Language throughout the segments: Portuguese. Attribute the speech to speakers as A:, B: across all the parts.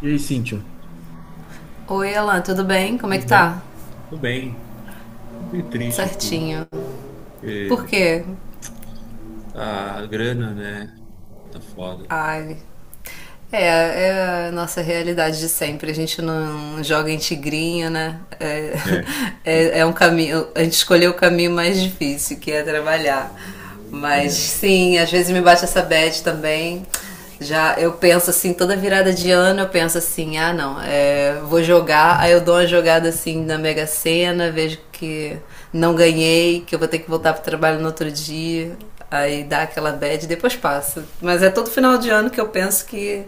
A: E aí, Cíntia?
B: Oi, Alan, tudo bem? Como é
A: Tudo
B: que
A: bem?
B: tá?
A: Tudo bem. Tô meio triste aqui,
B: Certinho. Por
A: porque
B: quê?
A: a grana, né? Tá foda.
B: Ai. É a nossa realidade de sempre. A gente não joga em tigrinho, né? É,
A: É. Que,
B: é um caminho. A gente escolheu o caminho mais difícil, que é trabalhar. Mas
A: é,
B: sim, às vezes me bate essa bad também. Já eu penso assim, toda virada de ano eu penso assim, ah não, vou jogar, aí eu dou uma jogada assim na Mega Sena, vejo que não ganhei, que eu vou ter que voltar pro trabalho no outro dia, aí dá aquela bad e depois passa. Mas é todo final de ano que eu penso que,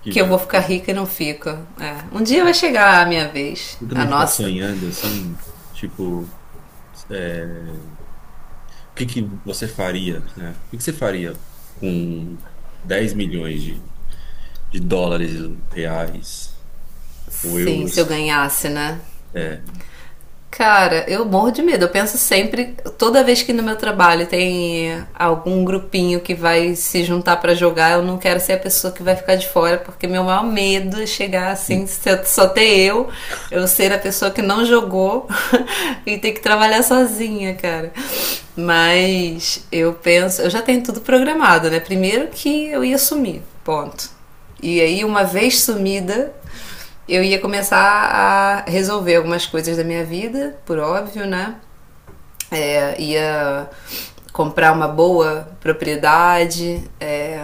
A: que
B: que eu
A: vai.
B: vou ficar rica e não fico. É, um dia vai chegar a minha vez,
A: Eu
B: a
A: também ficar
B: nossa.
A: sonhando assim, tipo, o que você faria, né? O que você faria com 10 milhões de dólares, reais ou
B: Sim, se eu
A: euros?
B: ganhasse, né?
A: É.
B: Cara, eu morro de medo. Eu penso sempre, toda vez que no meu trabalho tem algum grupinho que vai se juntar pra jogar, eu não quero ser a pessoa que vai ficar de fora, porque meu maior medo é chegar assim,
A: Hum,
B: só ter eu ser a pessoa que não jogou e ter que trabalhar sozinha, cara. Mas eu penso, eu já tenho tudo programado, né? Primeiro que eu ia sumir, ponto. E aí, uma vez sumida, eu ia começar a resolver algumas coisas da minha vida, por óbvio, né? Ia comprar uma boa propriedade. É,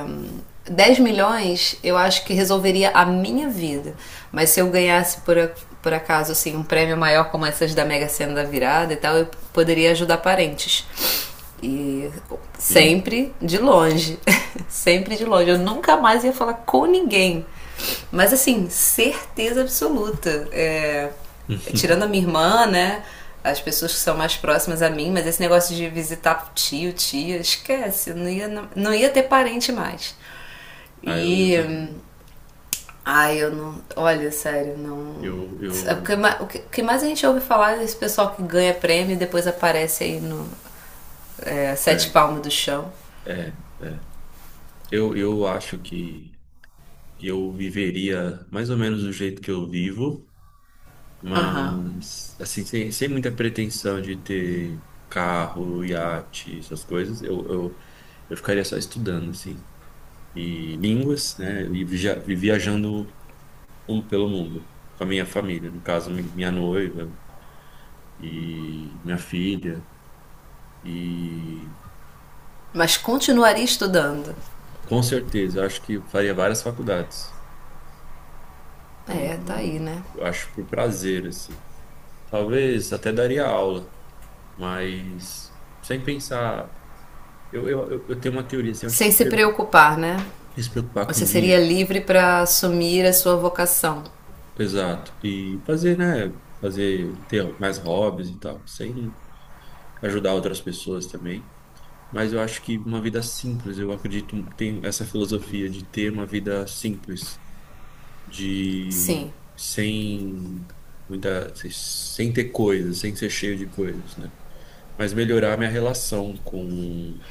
B: 10 milhões eu acho que resolveria a minha vida. Mas se eu ganhasse por acaso assim, um prêmio maior como essas da Mega Sena da Virada e tal, eu poderia ajudar parentes. E
A: Sim.
B: sempre de longe. Sempre de longe. Eu nunca mais ia falar com ninguém. Mas assim, certeza absoluta. É, tirando a minha irmã, né? As pessoas que são mais próximas a mim, mas esse negócio de visitar tio, tia, esquece, não ia, não, não ia ter parente mais.
A: Ah, eu
B: E.
A: também.
B: Ai, eu não. Olha, sério, não.
A: Eu,
B: O
A: eu,
B: que, o que mais a gente ouve falar é desse pessoal que ganha prêmio e depois aparece aí no Sete
A: é,
B: Palmos do Chão.
A: é. É. Eu acho que eu viveria mais ou menos do jeito que eu vivo,
B: Aham.
A: mas assim, sem, sem muita pretensão de ter carro, iate, essas coisas, eu ficaria só estudando, assim, e línguas, né, e e viajando pelo mundo, com a minha família, no caso, minha noiva e minha filha, e
B: Mas continuaria estudando.
A: com certeza, eu acho que faria várias faculdades,
B: É, tá aí,
A: e
B: né?
A: eu acho por prazer, assim. Talvez até daria aula. Mas sem pensar. Eu tenho uma teoria assim, eu acho
B: Sem
A: que
B: se
A: primeiro
B: preocupar, né?
A: se preocupar
B: Você
A: com
B: seria
A: dinheiro.
B: livre para assumir a sua vocação.
A: Exato. E fazer, né? Fazer, ter mais hobbies e tal, sem ajudar outras pessoas também. Mas eu acho que uma vida simples, eu acredito, tem essa filosofia de ter uma vida simples, de
B: Sim.
A: sem muita, sem ter coisas, sem ser cheio de coisas, né? Mas melhorar minha relação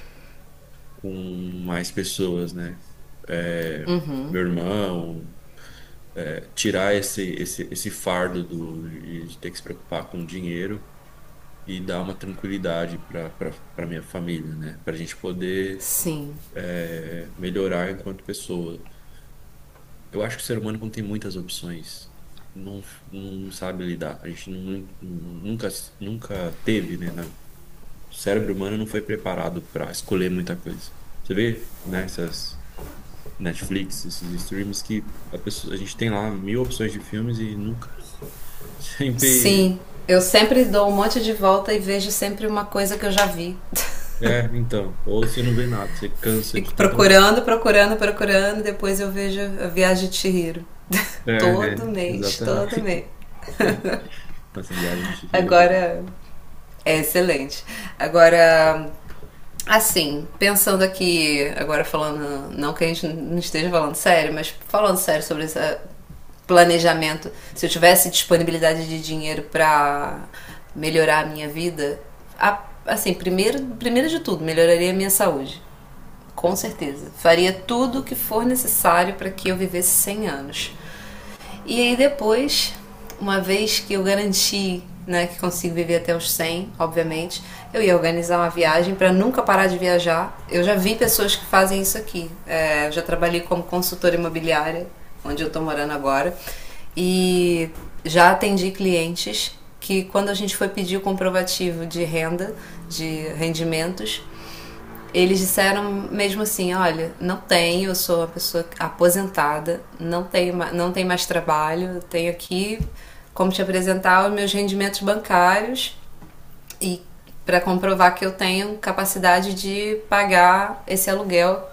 A: com mais pessoas, né? É, meu irmão, é, tirar esse fardo do, de ter que se preocupar com dinheiro e dar uma tranquilidade para para minha família, né? Para a gente poder
B: Sim.
A: é, melhorar enquanto pessoa. Eu acho que o ser humano não tem muitas opções. Não, não sabe lidar. A gente nunca teve, né? O cérebro humano não foi preparado para escolher muita coisa. Você vê, né? Netflix, esses streams que a gente tem lá mil opções de filmes e nunca, sempre,
B: Sim. Eu sempre dou um monte de volta e vejo sempre uma coisa que eu já vi.
A: é, então, ou você não vê nada, você cansa de
B: Fico
A: tanta opção.
B: procurando, procurando, procurando, depois eu vejo a Viagem de Chihiro. Todo mês, todo
A: Exatamente.
B: mês.
A: Nossa viagem de Chihiro, mesmo.
B: Agora. É excelente. Agora, assim, pensando aqui, agora falando, não que a gente não esteja falando sério, mas falando sério sobre esse planejamento, se eu tivesse disponibilidade de dinheiro para melhorar a minha vida, assim, primeiro de tudo, melhoraria a minha saúde. Com
A: Exato.
B: certeza. Faria tudo o que for necessário para que eu vivesse 100 anos. E aí depois, uma vez que eu garanti né, que consigo viver até os 100 obviamente, eu ia organizar uma viagem para nunca parar de viajar. Eu já vi pessoas que fazem isso aqui. É, eu já trabalhei como consultora imobiliária, onde eu estou morando agora, e já atendi clientes que quando a gente foi pedir o comprovativo de renda, de rendimentos, eles disseram mesmo assim, olha, não tenho, eu sou uma pessoa aposentada, não tenho, mais trabalho, tenho aqui como te apresentar os meus rendimentos bancários e para comprovar que eu tenho capacidade de pagar esse aluguel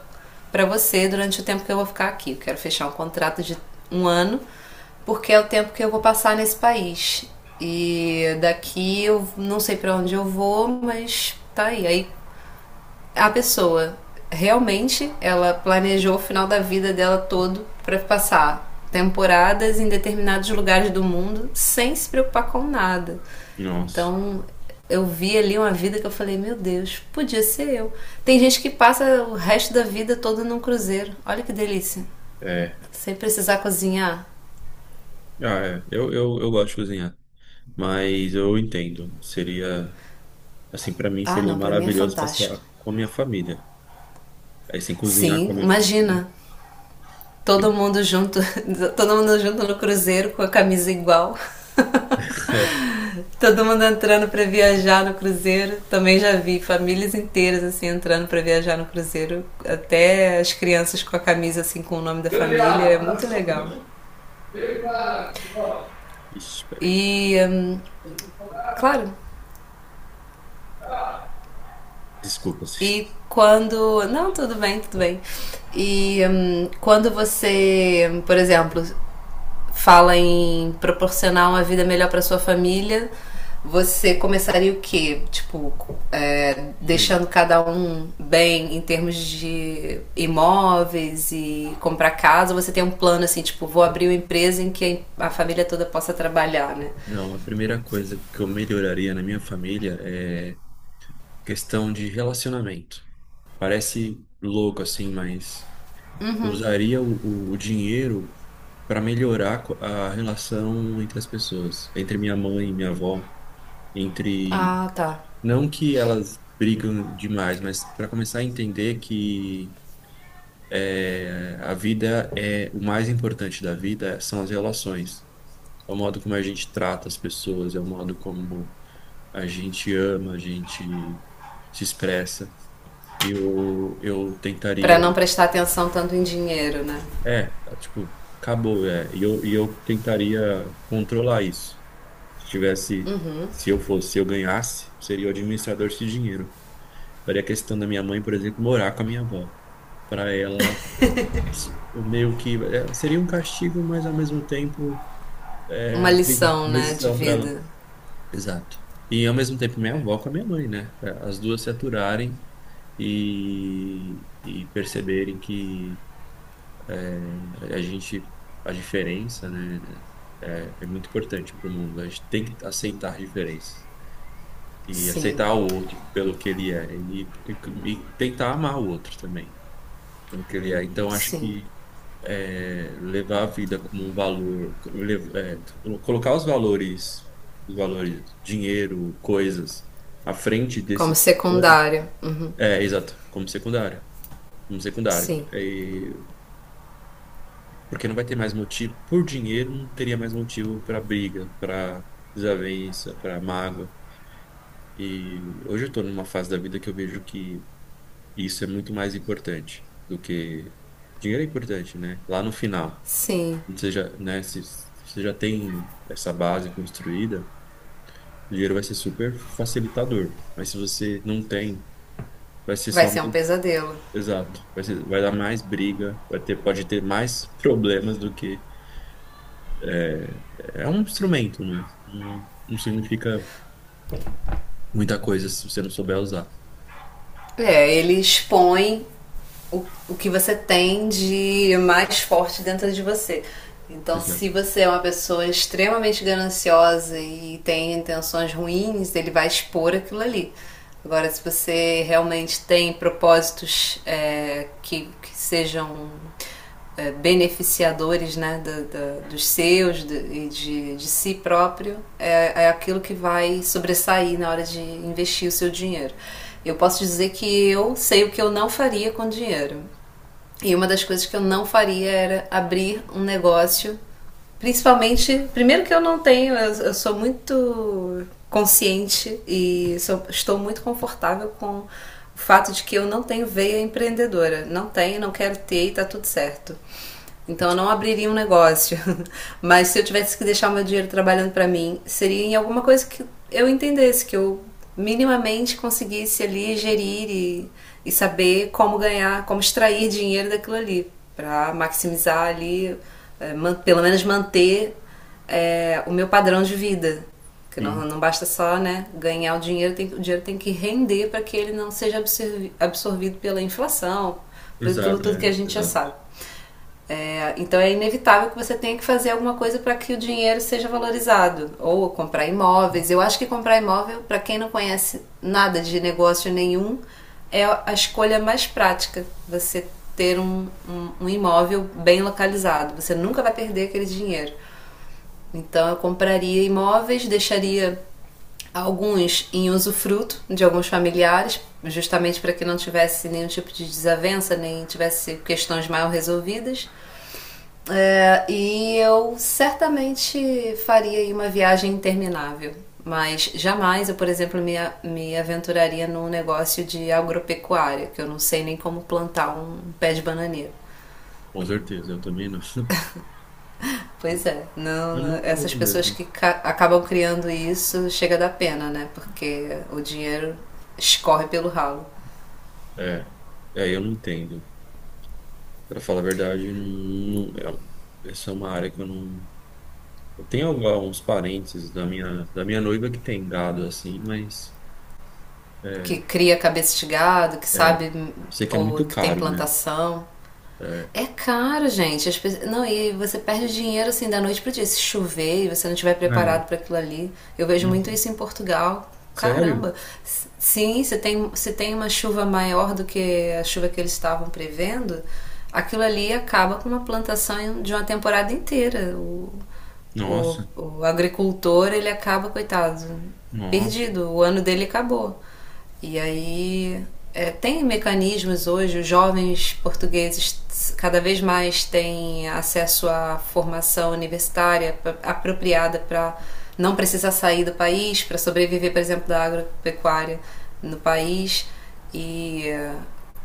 B: para você durante o tempo que eu vou ficar aqui. Eu quero fechar um contrato de um ano, porque é o tempo que eu vou passar nesse país. E daqui eu não sei para onde eu vou, mas tá aí. Aí a pessoa realmente ela planejou o final da vida dela todo para passar temporadas em determinados lugares do mundo sem se preocupar com nada.
A: Nossa,
B: Então, eu vi ali uma vida que eu falei, meu Deus, podia ser eu. Tem gente que passa o resto da vida toda num cruzeiro. Olha que delícia.
A: é.
B: Sem precisar cozinhar.
A: Ah, é. Eu gosto de cozinhar, mas eu entendo. Seria, assim, pra mim
B: Ah,
A: seria
B: não, para mim é
A: maravilhoso
B: fantástico.
A: passar com a minha família. Aí, sem cozinhar com a
B: Sim,
A: minha família.
B: imagina. Todo mundo junto, todo mundo junto no cruzeiro com a camisa igual. Todo mundo entrando para viajar no cruzeiro. Também já vi famílias inteiras assim entrando para viajar no cruzeiro, até as crianças com a camisa assim com o nome da
A: Grande
B: família, é muito
A: abraço.
B: legal.
A: Ixi, peraí.
B: E claro,
A: Desculpa, vocês.
B: e quando. Não, tudo bem, tudo bem. E quando você, por exemplo, fala em proporcionar uma vida melhor para sua família, você começaria o quê? Tipo, é,
A: Bem,
B: deixando cada um bem em termos de imóveis e comprar casa? Ou você tem um plano assim, tipo, vou abrir uma empresa em que a família toda possa trabalhar, né?
A: não, a primeira coisa que eu melhoraria na minha família é questão de relacionamento. Parece louco assim, mas usaria o dinheiro para melhorar a relação entre as pessoas, entre minha mãe e minha avó, entre
B: Ah, tá.
A: não que elas brigam demais, mas para começar a entender que é, a vida é o mais importante da vida são as relações. É o modo como a gente trata as pessoas, é o modo como a gente ama, a gente se expressa. Eu
B: Para
A: tentaria.
B: não prestar atenção tanto em dinheiro, né?
A: É, tá, tipo, acabou, é. E eu tentaria controlar isso. Se tivesse, se eu fosse, se eu ganhasse, seria o administrador desse dinheiro. Daria a questão da minha mãe, por exemplo, morar com a minha avó. Para ela, o meio que. É, seria um castigo, mas ao mesmo tempo, é
B: Uma
A: uma
B: lição, né, de
A: lição para ela.
B: vida.
A: Exato. E ao mesmo tempo minha avó com a minha mãe, né? Pra as duas se aturarem e perceberem que a gente, a diferença, né, é, é muito importante para o mundo. A gente tem que aceitar a diferença e
B: Sim,
A: aceitar o outro pelo que ele é e, e tentar amar o outro também pelo que ele é. Então acho
B: sim.
A: que é, levar a vida como um valor, lev- é, colocar os valores, dinheiro, coisas, à frente
B: Como
A: desses valores,
B: secundária. Uhum.
A: é, exato, como secundário,
B: Sim,
A: E- porque não vai ter mais motivo, por dinheiro não teria mais motivo para briga, para desavença, para mágoa, e hoje eu estou numa fase da vida que eu vejo que isso é muito mais importante do que, dinheiro é importante, né, lá no final,
B: sim.
A: você já, né, se você já tem essa base construída, o dinheiro vai ser super facilitador. Mas se você não tem, vai ser
B: Vai
A: só
B: ser um
A: mais-
B: pesadelo.
A: exato, vai ser, vai dar mais briga, vai ter, pode ter mais problemas do que é, é um instrumento, não é? Não, não significa muita coisa se você não souber usar.
B: É, ele expõe o que você tem de mais forte dentro de você. Então, se
A: Exato.
B: você é uma pessoa extremamente gananciosa e tem intenções ruins, ele vai expor aquilo ali. Agora, se você realmente tem propósitos que sejam beneficiadores né, dos seus e de, si próprio, é aquilo que vai sobressair na hora de investir o seu dinheiro. Eu posso dizer que eu sei o que eu não faria com dinheiro. E uma das coisas que eu não faria era abrir um negócio, principalmente, primeiro que eu não tenho, eu sou muito consciente e estou muito confortável com o fato de que eu não tenho veia empreendedora, não tenho, não quero ter e tá tudo certo. Então eu não abriria um negócio, mas se eu tivesse que deixar o meu dinheiro trabalhando para mim, seria em alguma coisa que eu entendesse que eu minimamente conseguisse ali gerir e saber como ganhar, como extrair dinheiro daquilo ali, para maximizar ali, pelo menos manter o meu padrão de vida. Que não,
A: Sim.
B: não basta só né, ganhar o dinheiro, o dinheiro tem que render para que ele não seja absorvido pela inflação, por aquilo
A: Exato,
B: tudo que
A: é,
B: a gente já sabe.
A: exato.
B: É, então é inevitável que você tenha que fazer alguma coisa para que o dinheiro seja valorizado, ou comprar imóveis. Eu acho que comprar imóvel, para quem não conhece nada de negócio nenhum, é a escolha mais prática. Você ter um imóvel bem localizado, você nunca vai perder aquele dinheiro. Então eu compraria imóveis, deixaria alguns em usufruto de alguns familiares, justamente para que não tivesse nenhum tipo de desavença, nem tivesse questões mal resolvidas. É, e eu certamente faria aí uma viagem interminável. Mas jamais eu, por exemplo, me aventuraria num negócio de agropecuária, que eu não sei nem como plantar um pé de bananeira.
A: Com certeza, eu também não.
B: Pois é,
A: É
B: não,
A: uma
B: essas
A: boa
B: pessoas
A: mesmo.
B: que acabam criando isso chega da pena, né? Porque o dinheiro escorre pelo ralo.
A: É, eu não entendo. Pra falar a verdade, não, não- é- essa é uma área que eu não. Eu tenho alguns parentes da minha noiva que tem gado assim, mas
B: Que
A: é,
B: cria cabeça de gado, que
A: é,
B: sabe
A: sei que é
B: ou
A: muito
B: que tem
A: caro, né?
B: plantação.
A: É.
B: É caro, gente. Não, e você perde dinheiro assim da noite pro dia. Se chover e você não estiver
A: É.
B: preparado para aquilo ali. Eu vejo
A: Nossa.
B: muito isso em Portugal.
A: Sério?
B: Caramba. Sim, se tem, uma chuva maior do que a chuva que eles estavam prevendo, aquilo ali acaba com uma plantação de uma temporada inteira. O- o,
A: Nossa,
B: o agricultor ele acaba, coitado,
A: nossa.
B: perdido, o ano dele acabou. E aí tem mecanismos hoje, os jovens portugueses cada vez mais têm acesso à formação universitária apropriada para não precisar sair do país, para sobreviver, por exemplo, da agropecuária no país. E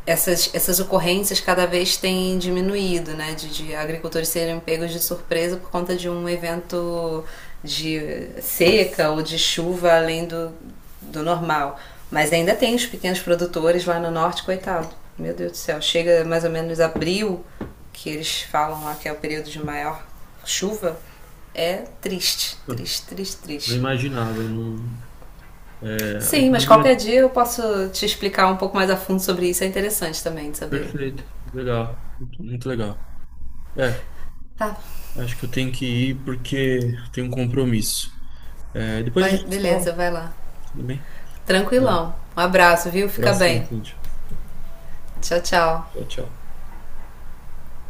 B: essas ocorrências cada vez têm diminuído, né? De agricultores serem pegos de surpresa por conta de um evento de seca ou de chuva além do normal. Mas ainda tem os pequenos produtores lá no norte, coitado. Meu Deus do céu, chega mais ou menos abril, que eles falam lá que é o período de maior chuva. É triste,
A: Eu
B: triste, triste,
A: não
B: triste.
A: imaginava, eu não. É, a
B: Sim, mas
A: economia
B: qualquer
A: é
B: dia eu posso te explicar um pouco mais a fundo sobre isso. É interessante também de saber.
A: perfeita, legal, muito, muito legal. É,
B: Tá,
A: acho que eu tenho que ir porque eu tenho um compromisso. É, depois a gente se fala,
B: beleza, vai lá.
A: tudo bem? É,
B: Tranquilão. Um abraço, viu? Fica
A: abração,
B: bem.
A: Cláudio.
B: Tchau, tchau.
A: Tchau, tchau.